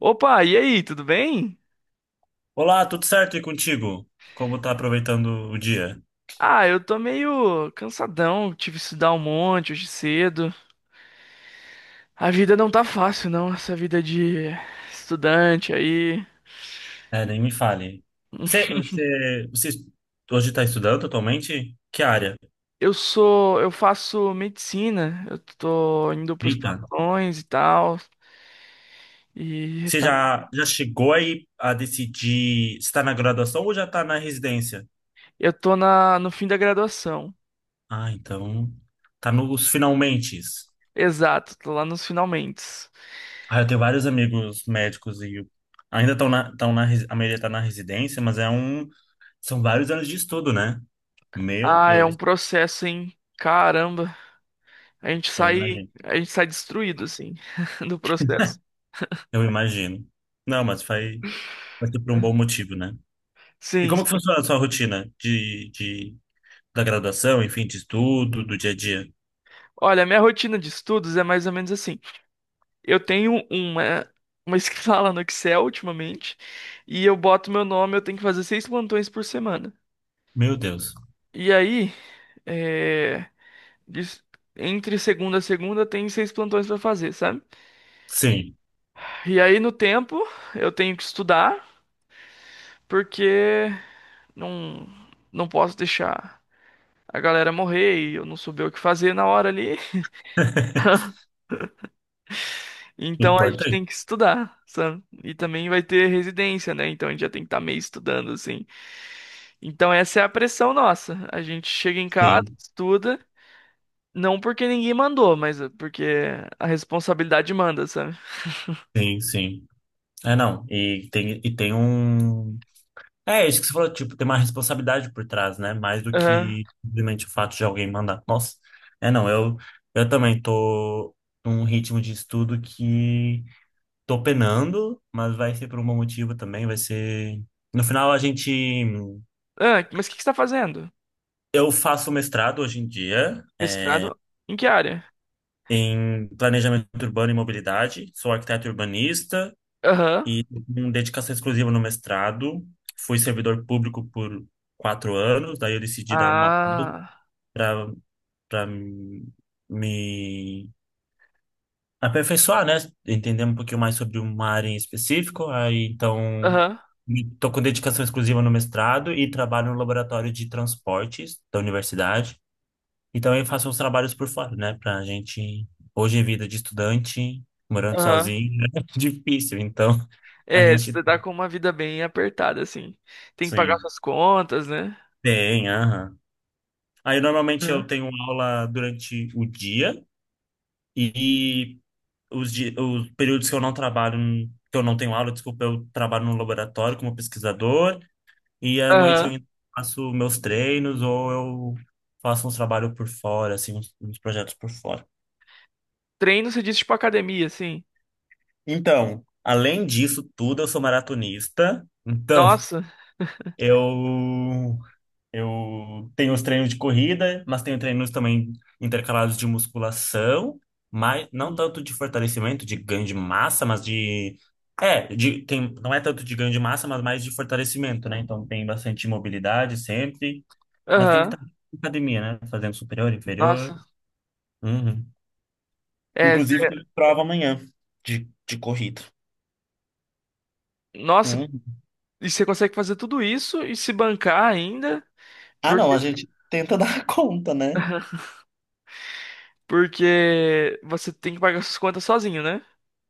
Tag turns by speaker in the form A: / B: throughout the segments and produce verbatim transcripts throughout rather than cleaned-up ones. A: Opa, e aí, tudo bem?
B: Olá, tudo certo e contigo? Como tá aproveitando o dia?
A: Ah, eu tô meio cansadão, tive que estudar um monte hoje cedo. A vida não tá fácil, não, essa vida de estudante aí.
B: É, nem me fale. Você, você, você hoje está estudando atualmente? Que área?
A: Eu sou, eu faço medicina, eu tô indo pros
B: Eita.
A: plantões e tal, e
B: Você
A: tá,
B: já, já chegou aí a decidir se está na graduação ou já está na residência?
A: eu tô na, no fim da graduação.
B: Ah, então tá nos finalmentes.
A: Exato, tô lá nos finalmentes.
B: Ah, eu tenho vários amigos médicos e eu- ainda estão na, estão na, resi- a maioria tá na residência, mas é um, são vários anos de estudo, né? Meu
A: Ah, é um
B: Deus,
A: processo, hein? Caramba, a gente
B: eu
A: sai,
B: imagino.
A: a gente sai destruído, assim, do processo.
B: Eu imagino. Não, mas faz. Mas por um bom motivo, né? E
A: Sim.
B: como que funciona a sua rotina de, de, da graduação, enfim, de estudo, do dia a dia?
A: Olha, minha rotina de estudos é mais ou menos assim. Eu tenho uma, uma escala no Excel ultimamente e eu boto meu nome, eu tenho que fazer seis plantões por semana.
B: Meu Deus.
A: E aí, é, dis- entre segunda a segunda, tem seis plantões pra fazer, sabe?
B: Sim.
A: E aí, no tempo, eu tenho que estudar porque não, não posso deixar a galera morrer e eu não souber o que fazer na hora ali. Então a gente
B: Importante.
A: tem que estudar, sabe? E também vai ter residência, né? Então a gente já tem que estar meio estudando, assim. Então essa é a pressão nossa. A gente chega em casa,
B: Sim,
A: estuda, não porque ninguém mandou, mas é porque a responsabilidade manda, sabe?
B: sim, sim. É, não. E tem, e tem um. É isso que você falou, tipo, tem uma responsabilidade por trás, né? Mais do
A: Aham.
B: que simplesmente o fato de alguém mandar. Nossa. É, não. Eu, eu também tô num ritmo de estudo que tô penando, mas vai ser por um bom motivo também. Vai ser. No final, a gente.
A: Ah, mas o que que você tá fazendo?
B: Eu faço mestrado hoje em dia
A: Mestrado? Em que área?
B: em planejamento urbano e mobilidade. Sou arquiteto urbanista
A: Aham.
B: e com dedicação exclusiva no mestrado. Fui servidor público por quatro anos, daí eu decidi dar uma pausa
A: Ah.
B: para para me aperfeiçoar, né? Entender um pouquinho mais sobre uma área em específico. Aí então
A: Aham.
B: estou com dedicação exclusiva no mestrado e trabalho no laboratório de transportes da universidade. E também faço uns trabalhos por fora, né? Pra gente. Hoje, é vida de estudante, morando
A: Aham.
B: sozinho, é difícil. Então, a
A: É,
B: gente.
A: você tá com uma vida bem apertada, assim. Tem que pagar
B: Sim.
A: suas contas, né?
B: Tem, aham. Aí, normalmente, eu
A: Aham.
B: tenho aula durante o dia e os, di- os períodos que eu não trabalho, que eu não tenho aula, desculpa, eu trabalho no laboratório como pesquisador e à noite eu
A: Aham.
B: ainda faço meus treinos ou eu faço uns trabalhos por fora, assim, uns, uns projetos por fora.
A: Treino, você disse, tipo academia, assim.
B: Então, além disso tudo, eu sou maratonista. Então,
A: Nossa.
B: eu eu tenho os treinos de corrida, mas tenho treinos também intercalados de musculação, mas não
A: Hum.
B: tanto de fortalecimento, de ganho de massa, mas de é, de tem não é tanto de ganho de massa, mas mais de fortalecimento, né? Então tem bastante mobilidade sempre, mas tem que
A: Aham.
B: estar na academia, né? Fazendo superior, inferior.
A: Nossa.
B: Uhum.
A: É, cê-
B: Inclusive, eu tenho prova amanhã de, de corrida.
A: nossa,
B: Uhum.
A: e você consegue fazer tudo isso e se bancar ainda,
B: Ah, não,
A: porque,
B: a gente tenta dar conta, né?
A: porque você tem que pagar suas contas sozinho, né?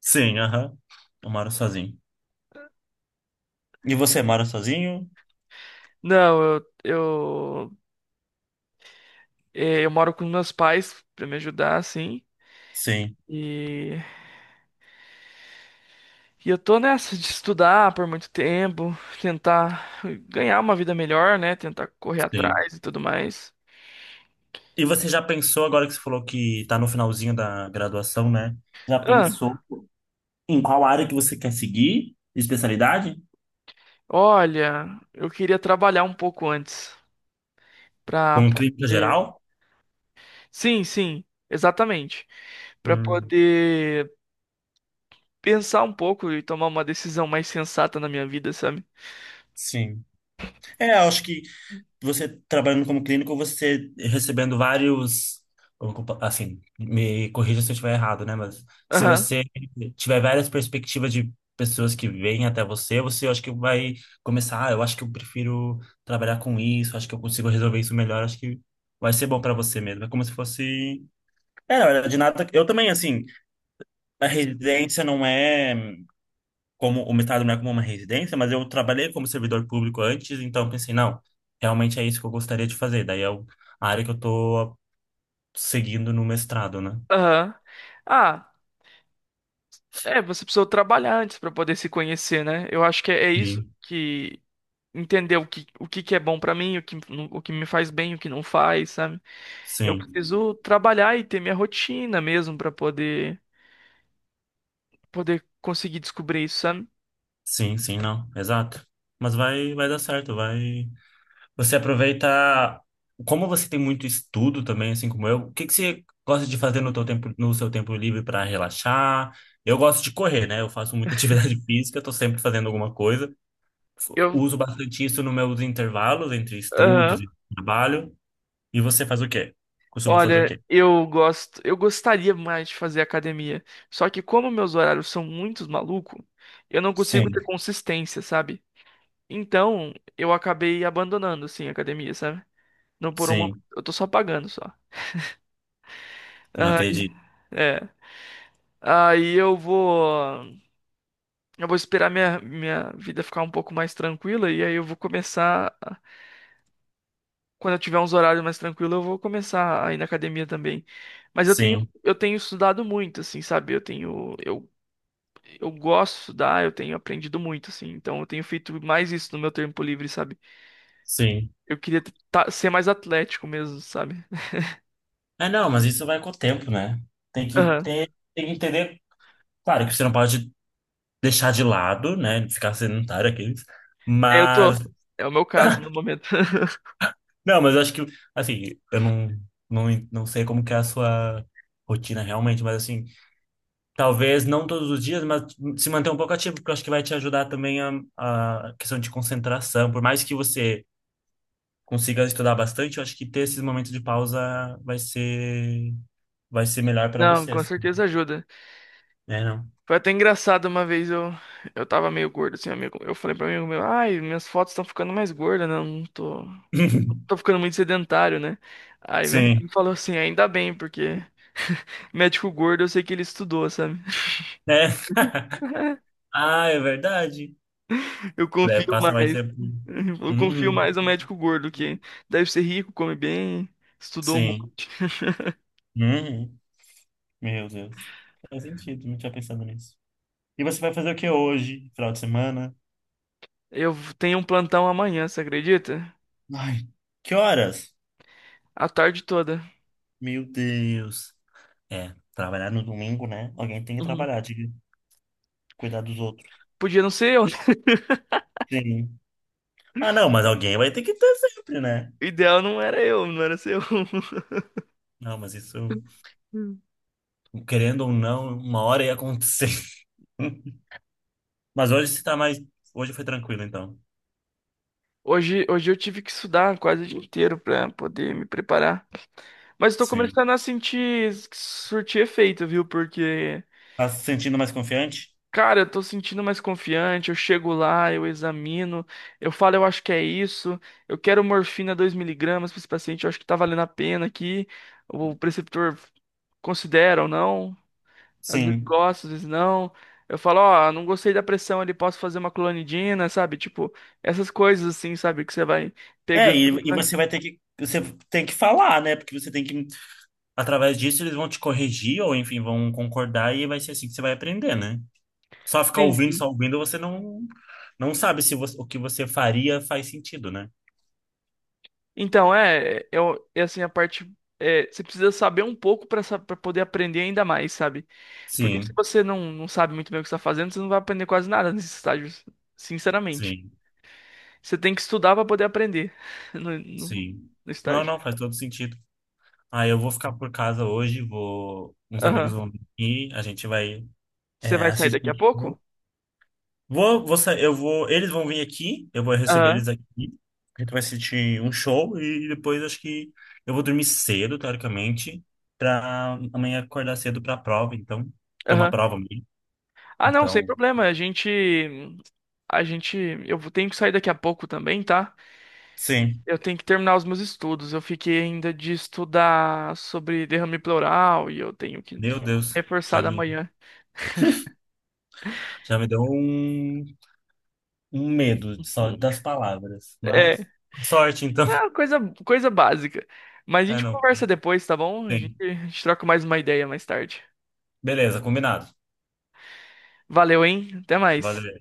B: Sim, aham. Eu moro sozinho. E você mora sozinho?
A: Não, eu, eu, é, eu moro com meus pais pra me ajudar, assim.
B: Sim,
A: E, e eu tô nessa de estudar por muito tempo, tentar ganhar uma vida melhor, né? Tentar correr
B: sim.
A: atrás e tudo mais.
B: E você já pensou, agora que você falou que tá no finalzinho da graduação, né? Já
A: Ah,
B: pensou em qual área que você quer seguir? Especialidade?
A: olha, eu queria trabalhar um pouco antes. Pra,
B: Com clínica geral?
A: Sim, sim, exatamente. Pra
B: Hum,
A: poder pensar um pouco e tomar uma decisão mais sensata na minha vida, sabe?
B: sim. É, eu acho que você trabalhando como clínico, você recebendo vários, assim, me corrija se eu estiver errado, né? Mas se
A: Aham,
B: você tiver várias perspectivas de pessoas que vêm até você, você acho que vai começar, ah, eu acho que eu prefiro trabalhar com isso, acho que eu consigo resolver isso melhor, acho que vai ser bom para você mesmo. É como se fosse, é, na verdade, nada, eu também assim, a residência não é como o mestrado não é como uma residência, mas eu trabalhei como servidor público antes, então pensei, não, realmente é isso que eu gostaria de fazer. Daí é o- a área que eu tô seguindo no mestrado, né?
A: aham. Ah, é, você precisou trabalhar antes pra poder se conhecer, né? Eu acho que é, é, isso
B: Sim,
A: que entender o que, o que que é bom pra mim, o que, o que me faz bem, o que não faz, sabe? Eu
B: sim,
A: preciso trabalhar e ter minha rotina mesmo pra poder poder conseguir descobrir isso, sabe?
B: sim, sim, não, exato. Mas vai, vai dar certo, vai. Você aproveita, como você tem muito estudo também, assim como eu, o que que você gosta de fazer no teu tempo, no seu tempo livre para relaxar? Eu gosto de correr, né? Eu faço muita atividade física, tô sempre fazendo alguma coisa.
A: Eu,
B: Uso bastante isso nos meus intervalos entre estudos
A: aham.
B: e trabalho. E você faz o quê? Costuma fazer o
A: Olha,
B: quê?
A: eu gosto, eu gostaria mais de fazer academia. Só que como meus horários são muito malucos, eu não consigo ter
B: Sim,
A: consistência, sabe? Então, eu acabei abandonando assim a academia, sabe? Não por uma,
B: sim.
A: eu tô só pagando só.
B: Eu não
A: Aí,
B: acredito.
A: é. Aí eu vou, eu vou esperar minha minha vida ficar um pouco mais tranquila e aí eu vou começar, a- quando eu tiver uns horários mais tranquilos, eu vou começar a ir na academia também. Mas eu tenho
B: Sim,
A: eu tenho estudado muito, assim, sabe? Eu tenho eu eu gosto de estudar, eu tenho aprendido muito, assim. Então eu tenho feito mais isso no meu tempo livre, sabe?
B: sim.
A: Eu queria t- tá- ser mais atlético mesmo, sabe?
B: É, não, mas isso vai com o tempo, né? Tem que
A: Aham.
B: ter, tem que entender. Claro que você não pode deixar de lado, né? Ficar sedentário aqueles.
A: É, eu
B: Mas,
A: tô. É o meu caso no momento.
B: não, mas eu acho que, assim, eu não, não, não sei como que é a sua rotina realmente, mas assim. Talvez não todos os dias, mas se manter um pouco ativo, porque eu acho que vai te ajudar também a, a questão de concentração. Por mais que você consiga estudar bastante, eu acho que ter esses momentos de pausa vai ser, vai ser melhor para
A: Não,
B: você,
A: com
B: assim.
A: certeza ajuda.
B: É, não?
A: Foi até engraçado uma vez eu eu tava meio gordo assim, amigo. Eu falei pra um amigo meu, ai, minhas fotos estão ficando mais gordas, né? Eu não tô, tô ficando muito sedentário, né? Aí meu amigo
B: Sim.
A: falou assim, ainda bem, porque médico gordo eu sei que ele estudou, sabe?
B: É. Ah, é verdade.
A: Eu
B: É,
A: confio
B: passa mais
A: mais.
B: tempo.
A: Eu confio
B: Uhum.
A: mais no médico gordo, que deve ser rico, come bem, estudou um
B: Sim.
A: monte.
B: Uhum. Meu Deus. Faz sentido, não tinha pensado nisso. E você vai fazer o que hoje, final de semana?
A: Eu tenho um plantão amanhã, você acredita?
B: Ai, que horas?
A: A tarde toda.
B: Meu Deus. É, trabalhar no domingo, né? Alguém tem que
A: Uhum.
B: trabalhar, de cuidar dos outros.
A: Podia não ser eu, né?
B: Sim. Ah, não, mas alguém vai ter que ter sempre, né?
A: O ideal não era eu, não era ser eu.
B: Não, mas isso, querendo ou não, uma hora ia acontecer. Mas hoje você tá mais. Hoje foi tranquilo, então.
A: Hoje, hoje eu tive que estudar quase o dia inteiro pra poder me preparar. Mas estou
B: Sim.
A: começando a sentir que surtir efeito, viu? Porque
B: Tá se sentindo mais confiante?
A: Cara, eu tô sentindo mais confiante. Eu chego lá, eu examino, eu falo, eu acho que é isso. Eu quero morfina dois miligramas para esse paciente, eu acho que tá valendo a pena aqui. O preceptor considera ou não, às vezes
B: Sim.
A: gosta, às vezes não. Eu falo, ó, não gostei da pressão ali, posso fazer uma clonidina, sabe? Tipo, essas coisas assim, sabe? Que você vai
B: É,
A: pegando
B: e,
A: e
B: e
A: vai.
B: você vai ter que. Você tem que falar, né? Porque você tem que. Através disso, eles vão te corrigir, ou enfim, vão concordar, e vai ser assim que você vai aprender, né? Só ficar
A: Sim,
B: ouvindo,
A: sim.
B: só ouvindo, você não, não sabe se você- o que você faria faz sentido, né?
A: Então, é, eu, é assim, a parte. É, você precisa saber um pouco para poder aprender ainda mais, sabe? Porque se
B: Sim,
A: você não, não sabe muito bem o que está fazendo, você não vai aprender quase nada nesses estágios, sinceramente.
B: sim,
A: Você tem que estudar para poder aprender no, no,
B: sim.
A: no
B: Não,
A: estágio.
B: não, faz todo sentido. Ah, eu vou ficar por casa hoje, vou, uns amigos
A: Aham.
B: vão vir aqui, a gente vai
A: Você
B: é,
A: vai sair daqui a
B: assistir.
A: pouco?
B: Vou, vou, vou sa- eu vou, eles vão vir aqui, eu vou receber eles
A: Aham.
B: aqui. A gente vai assistir um show e depois acho que eu vou dormir cedo, teoricamente, pra amanhã acordar cedo pra prova, então, tem uma
A: Aham.
B: prova amanhã.
A: Ah, não, sem
B: Então,
A: problema. A gente. A gente. Eu vou- tenho que sair daqui a pouco também, tá?
B: sim.
A: Eu tenho que terminar os meus estudos. Eu fiquei ainda de estudar sobre derrame pleural e eu tenho que
B: Meu Deus,
A: reforçar
B: já
A: da
B: me,
A: manhã.
B: já me deu um, um medo de só
A: Hum.
B: das palavras,
A: É.
B: mas sorte então.
A: Ah, coisa, coisa básica. Mas a
B: É,
A: gente
B: não,
A: conversa depois, tá bom? A gente,
B: tem.
A: a gente troca mais uma ideia mais tarde.
B: Beleza, combinado.
A: Valeu, hein? Até mais.
B: Valeu.